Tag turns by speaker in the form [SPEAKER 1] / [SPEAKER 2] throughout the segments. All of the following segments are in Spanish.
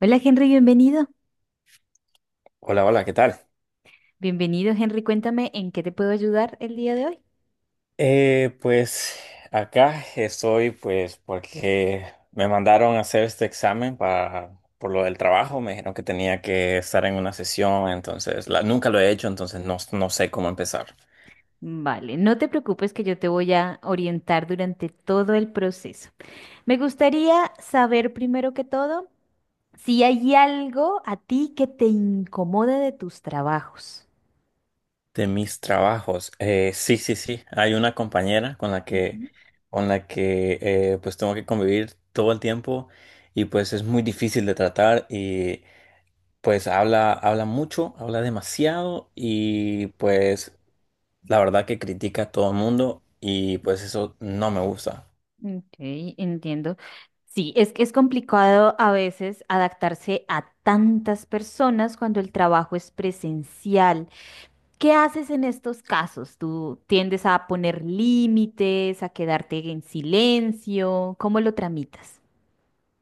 [SPEAKER 1] Hola Henry, bienvenido.
[SPEAKER 2] Hola, hola, ¿qué tal?
[SPEAKER 1] Bienvenido Henry, cuéntame en qué te puedo ayudar el día de hoy.
[SPEAKER 2] Pues acá estoy porque me mandaron a hacer este examen para, por lo del trabajo. Me dijeron que tenía que estar en una sesión, entonces nunca lo he hecho, entonces no sé cómo empezar.
[SPEAKER 1] Vale, no te preocupes que yo te voy a orientar durante todo el proceso. Me gustaría saber primero que todo si hay algo a ti que te incomode de tus trabajos.
[SPEAKER 2] De mis trabajos, sí, sí, sí, hay una compañera con la que,
[SPEAKER 1] Ujú.
[SPEAKER 2] con la que eh, pues tengo que convivir todo el tiempo, y pues es muy difícil de tratar. Y pues habla, habla mucho, habla demasiado, y la verdad que critica a todo el mundo y pues eso no me gusta.
[SPEAKER 1] Ok, entiendo. Sí, es que es complicado a veces adaptarse a tantas personas cuando el trabajo es presencial. ¿Qué haces en estos casos? ¿Tú tiendes a poner límites, a quedarte en silencio? ¿Cómo lo tramitas?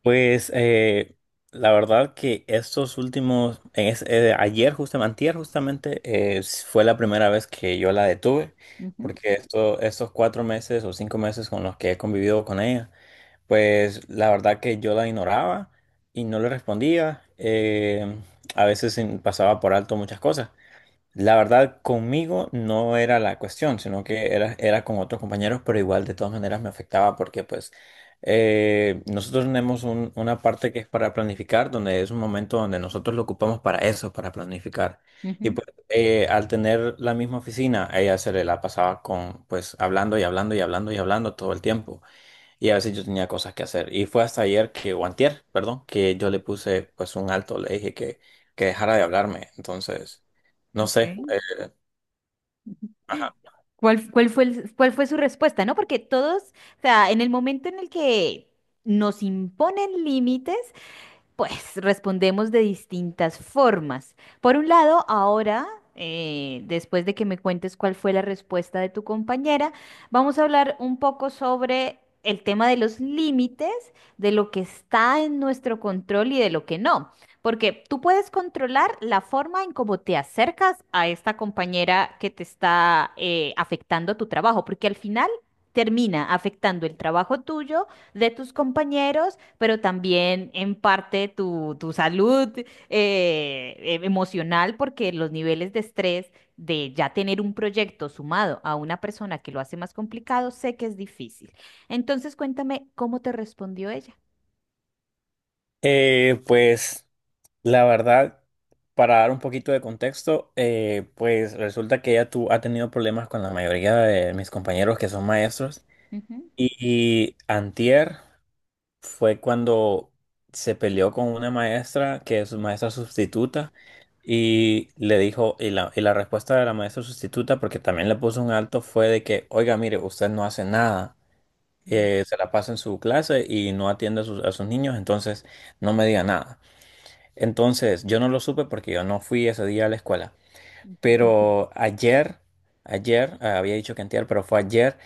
[SPEAKER 2] Pues eh, la verdad, que estos últimos, ayer justamente, antier justamente, fue la primera vez que yo la detuve,
[SPEAKER 1] Ujú,
[SPEAKER 2] porque estos cuatro meses o cinco meses con los que he convivido con ella, pues la verdad que yo la ignoraba y no le respondía. A veces pasaba por alto muchas cosas. La verdad, conmigo no era la cuestión, sino que era con otros compañeros, pero igual de todas maneras me afectaba, porque pues nosotros tenemos una parte que es para planificar, donde es un momento donde nosotros lo ocupamos para eso, para planificar. Y
[SPEAKER 1] ujú.
[SPEAKER 2] pues al tener la misma oficina, a ella se le la pasaba con pues hablando y hablando y hablando y hablando todo el tiempo. Y a veces yo tenía cosas que hacer. Y fue hasta ayer que, o antier, perdón, que yo le puse pues un alto. Le dije que dejara de hablarme. Entonces, no sé.
[SPEAKER 1] Ok.
[SPEAKER 2] Eh, ajá.
[SPEAKER 1] ¿Cuál fue cuál fue su respuesta, ¿no? Porque todos, o sea, en el momento en el que nos imponen límites, pues respondemos de distintas formas. Por un lado, ahora, después de que me cuentes cuál fue la respuesta de tu compañera, vamos a hablar un poco sobre el tema de los límites, de lo que está en nuestro control y de lo que no. Porque tú puedes controlar la forma en cómo te acercas a esta compañera que te está afectando tu trabajo, porque al final termina afectando el trabajo tuyo de tus compañeros, pero también en parte tu salud emocional, porque los niveles de estrés de ya tener un proyecto sumado a una persona que lo hace más complicado, sé que es difícil. Entonces, cuéntame cómo te respondió ella.
[SPEAKER 2] Pues la verdad, para dar un poquito de contexto, pues resulta que ha tenido problemas con la mayoría de mis compañeros, que son maestros.
[SPEAKER 1] Ujú,
[SPEAKER 2] Y antier fue cuando se peleó con una maestra que es maestra sustituta, y le dijo, y la respuesta de la maestra sustituta, porque también le puso un alto, fue de que, oiga, mire, usted no hace nada,
[SPEAKER 1] mm,
[SPEAKER 2] se la pasa en su clase y no atiende a a sus niños, entonces no me diga nada. Entonces, yo no lo supe porque yo no fui ese día a la escuela,
[SPEAKER 1] ujú,
[SPEAKER 2] pero ayer, ayer, había dicho que antier, pero fue ayer.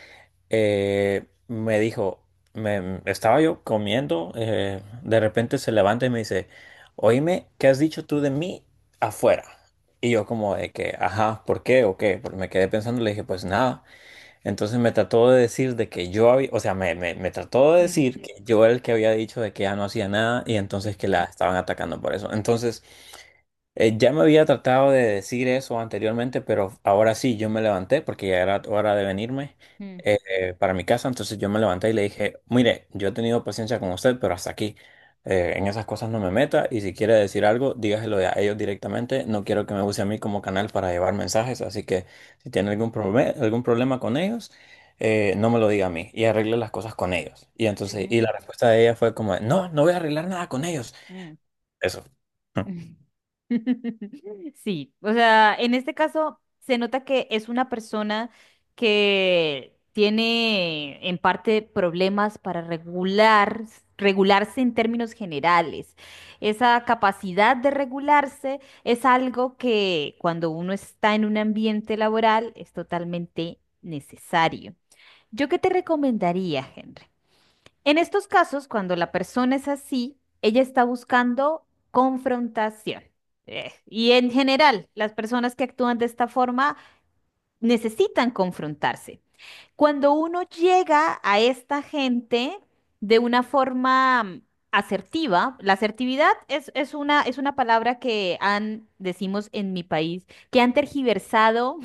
[SPEAKER 2] Me dijo, estaba yo comiendo, de repente se levanta y me dice, oíme, ¿qué has dicho tú de mí afuera? Y yo como de que, ajá, ¿por qué o qué? Porque me quedé pensando, le dije, pues nada. Entonces me trató de decir de que yo había, o sea, me trató de
[SPEAKER 1] mm,
[SPEAKER 2] decir que yo era el que había dicho de que ya no hacía nada, y entonces que la estaban atacando por eso. Entonces... ya me había tratado de decir eso anteriormente, pero ahora sí, yo me levanté porque ya era hora de venirme
[SPEAKER 1] mm,
[SPEAKER 2] para mi casa. Entonces yo me levanté y le dije, mire, yo he tenido paciencia con usted, pero hasta aquí. En esas cosas no me meta, y si quiere decir algo, dígaselo a ellos directamente. No quiero que me use a mí como canal para llevar mensajes, así que si tiene algún problema, con ellos, no me lo diga a mí, y arregle las cosas con ellos.
[SPEAKER 1] ujú,
[SPEAKER 2] Y la respuesta de ella fue como, no, no voy a arreglar nada con ellos.
[SPEAKER 1] mm.
[SPEAKER 2] Eso.
[SPEAKER 1] Sí, o sea, en este caso se nota que es una persona que tiene en parte problemas para regular, regularse en términos generales. Esa capacidad de regularse es algo que cuando uno está en un ambiente laboral es totalmente necesario. ¿Yo qué te recomendaría, Henry? En estos casos, cuando la persona es así, ella está buscando confrontación. Y en general, las personas que actúan de esta forma necesitan confrontarse. Cuando uno llega a esta gente de una forma asertiva, la asertividad es, es una palabra que han, decimos en mi país, que han tergiversado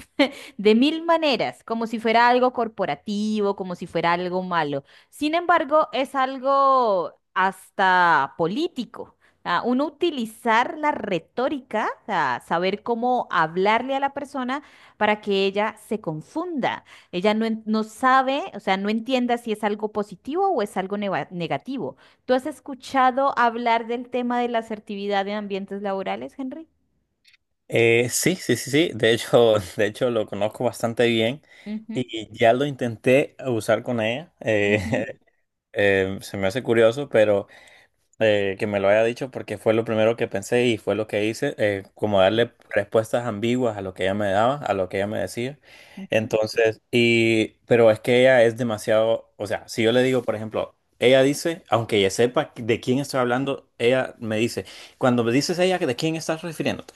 [SPEAKER 1] de mil maneras, como si fuera algo corporativo, como si fuera algo malo. Sin embargo, es algo hasta político. Ah, uno utilizar la retórica, ah, saber cómo hablarle a la persona para que ella se confunda. Ella no, no sabe, o sea, no entienda si es algo positivo o es algo negativo. ¿Tú has escuchado hablar del tema de la asertividad en ambientes laborales, Henry?
[SPEAKER 2] Sí, sí, sí, sí. De hecho, de hecho lo conozco bastante bien
[SPEAKER 1] Ujú.
[SPEAKER 2] y ya lo intenté usar con ella.
[SPEAKER 1] Ujú,
[SPEAKER 2] Se me hace curioso, pero que me lo haya dicho, porque fue lo primero que pensé y fue lo que hice, como
[SPEAKER 1] sí,
[SPEAKER 2] darle respuestas ambiguas a lo que ella me daba, a lo que ella me decía.
[SPEAKER 1] ujú,
[SPEAKER 2] Pero es que ella es demasiado, o sea, si yo le digo, por ejemplo, ella dice, aunque ella sepa de quién estoy hablando, ella me dice, cuando me dices ella, ¿de quién estás refiriéndote?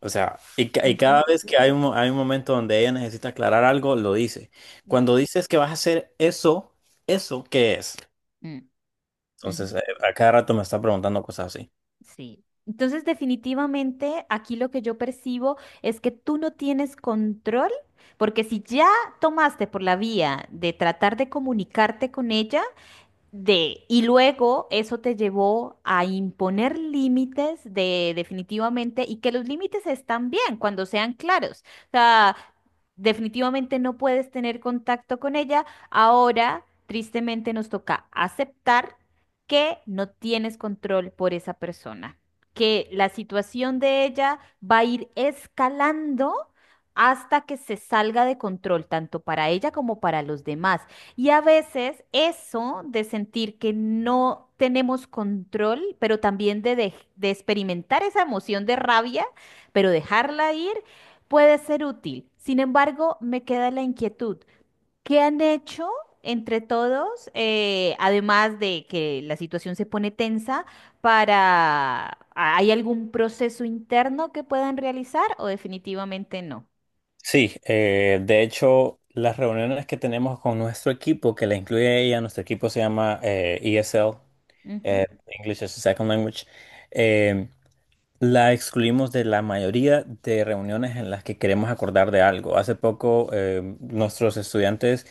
[SPEAKER 2] O sea, y cada vez que hay hay un momento donde ella necesita aclarar algo, lo dice.
[SPEAKER 1] ujú.
[SPEAKER 2] Cuando dices que vas a hacer eso, ¿eso qué es?
[SPEAKER 1] Mm,
[SPEAKER 2] Entonces,
[SPEAKER 1] ujú,
[SPEAKER 2] a cada rato me está preguntando cosas así.
[SPEAKER 1] sí. Entonces, definitivamente aquí lo que yo percibo es que tú no tienes control, porque si ya tomaste por la vía de tratar de comunicarte con ella, de, y luego eso te llevó a imponer límites de definitivamente y que los límites están bien cuando sean claros. O sea, definitivamente no puedes tener contacto con ella. Ahora, tristemente, nos toca aceptar que no tienes control por esa persona, que la situación de ella va a ir escalando hasta que se salga de control, tanto para ella como para los demás. Y a veces eso de sentir que no tenemos control, pero también de, de experimentar esa emoción de rabia, pero dejarla ir, puede ser útil. Sin embargo, me queda la inquietud. ¿Qué han hecho entre todos, además de que la situación se pone tensa, para... ¿Hay algún proceso interno que puedan realizar o definitivamente no?
[SPEAKER 2] Sí, de hecho, las reuniones que tenemos con nuestro equipo, que la incluye ella, nuestro equipo se llama ESL,
[SPEAKER 1] Ujú,
[SPEAKER 2] English as a Second Language. Eh, la excluimos de la mayoría de reuniones en las que queremos acordar de algo. Hace poco nuestros estudiantes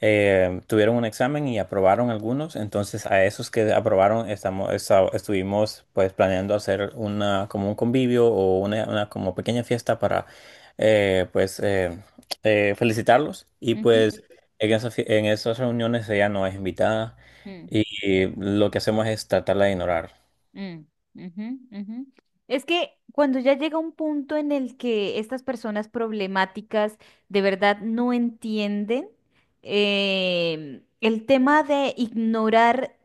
[SPEAKER 2] tuvieron un examen y aprobaron algunos, entonces a esos que aprobaron estuvimos pues planeando hacer una como un convivio o una como pequeña fiesta para eh, pues eh, felicitarlos, y
[SPEAKER 1] ujú,
[SPEAKER 2] pues en en esas reuniones ella no es invitada,
[SPEAKER 1] mm.
[SPEAKER 2] y lo que hacemos es tratarla de ignorar.
[SPEAKER 1] Mm, ujú, ujú. Es que cuando ya llega un punto en el que estas personas problemáticas de verdad no entienden el tema de ignorar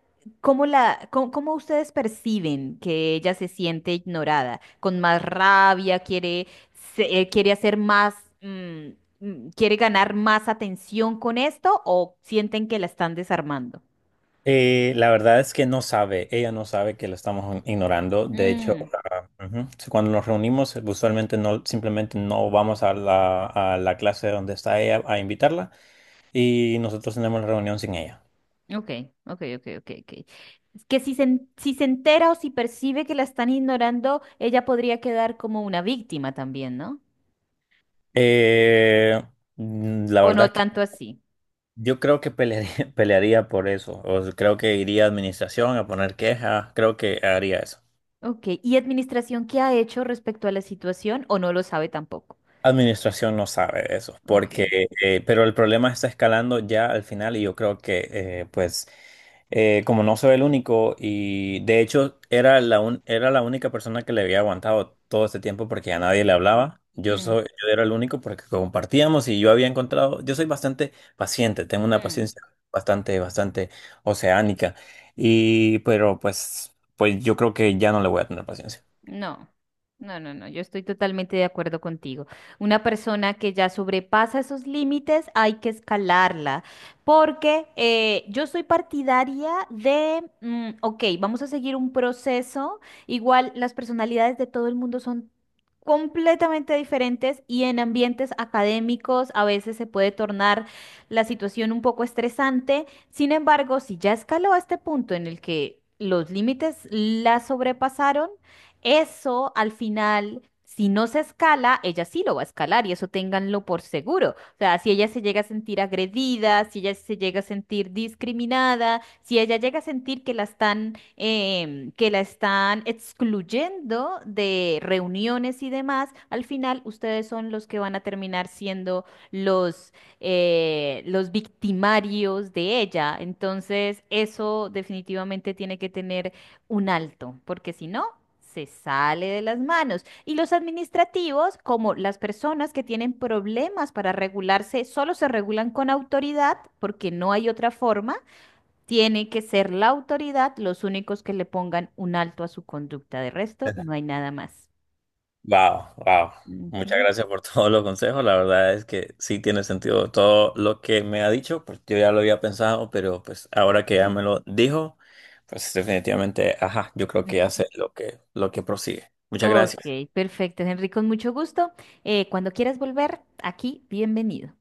[SPEAKER 1] cómo la, cómo, cómo ustedes perciben que ella se siente ignorada, con más rabia, quiere, quiere hacer más, mm, mm, quiere ganar más atención con esto o sienten que la están desarmando.
[SPEAKER 2] La verdad es que no sabe, ella no sabe que la estamos ignorando. De hecho, ah, ujú, sí, cuando nos reunimos, usualmente no, simplemente no vamos a a la clase donde está ella a invitarla, y nosotros tenemos la reunión sin ella.
[SPEAKER 1] Ok, ok, ok, ok, ok. Es que si se, si se entera o si percibe que la están ignorando, ella podría quedar como una víctima también, ¿no?
[SPEAKER 2] Eh, la
[SPEAKER 1] O
[SPEAKER 2] verdad
[SPEAKER 1] no
[SPEAKER 2] es que
[SPEAKER 1] tanto así.
[SPEAKER 2] yo creo que pelearía, pelearía por eso. O sea, creo que iría a administración a poner queja, creo que haría eso.
[SPEAKER 1] Ok, ¿y administración qué ha hecho respecto a la situación o no lo sabe tampoco?
[SPEAKER 2] Administración no sabe de eso, porque,
[SPEAKER 1] Ok.
[SPEAKER 2] pero el problema está escalando ya al final, y yo creo que, como no soy el único, y de hecho era era la única persona que le había aguantado todo este tiempo, porque a nadie le hablaba.
[SPEAKER 1] Mm,
[SPEAKER 2] Yo era el único, porque compartíamos, y yo había encontrado, yo soy bastante paciente, tengo una
[SPEAKER 1] mm,
[SPEAKER 2] paciencia bastante, bastante oceánica, y pero pues yo creo que ya no le voy a tener paciencia.
[SPEAKER 1] no, no, no, no, yo estoy totalmente de acuerdo contigo. Una persona que ya sobrepasa esos límites hay que escalarla, porque yo soy partidaria de, mm, ok, vamos a seguir un proceso, igual las personalidades de todo el mundo son completamente diferentes y en ambientes académicos a veces se puede tornar la situación un poco estresante. Sin embargo, si ya escaló a este punto en el que los límites la sobrepasaron, eso al final, si no se escala, ella sí lo va a escalar y eso ténganlo por seguro. O sea, si ella se llega a sentir agredida, si ella se llega a sentir discriminada, si ella llega a sentir que la están, que la están excluyendo de reuniones y demás, al final ustedes son los que van a terminar siendo los, los victimarios de ella. Entonces, eso definitivamente tiene que tener un alto, porque si no se sale de las manos. Y los administrativos, como las personas que tienen problemas para regularse, solo se regulan con autoridad porque no hay otra forma. Tiene que ser la autoridad los únicos que le pongan un alto a su conducta. De resto, no hay nada más.
[SPEAKER 2] Wow, wow. Muchas
[SPEAKER 1] Ujú,
[SPEAKER 2] gracias por todos los consejos. La verdad es que sí tiene sentido todo lo que me ha dicho. Pues yo ya lo había pensado, pero pues ahora que
[SPEAKER 1] ujú.
[SPEAKER 2] ya me lo dijo, pues definitivamente, ajá, yo creo
[SPEAKER 1] Claro.
[SPEAKER 2] que hace lo que prosigue. Muchas
[SPEAKER 1] Ok,
[SPEAKER 2] gracias.
[SPEAKER 1] perfecto, Henry, con mucho gusto. Cuando quieras volver, aquí, bienvenido.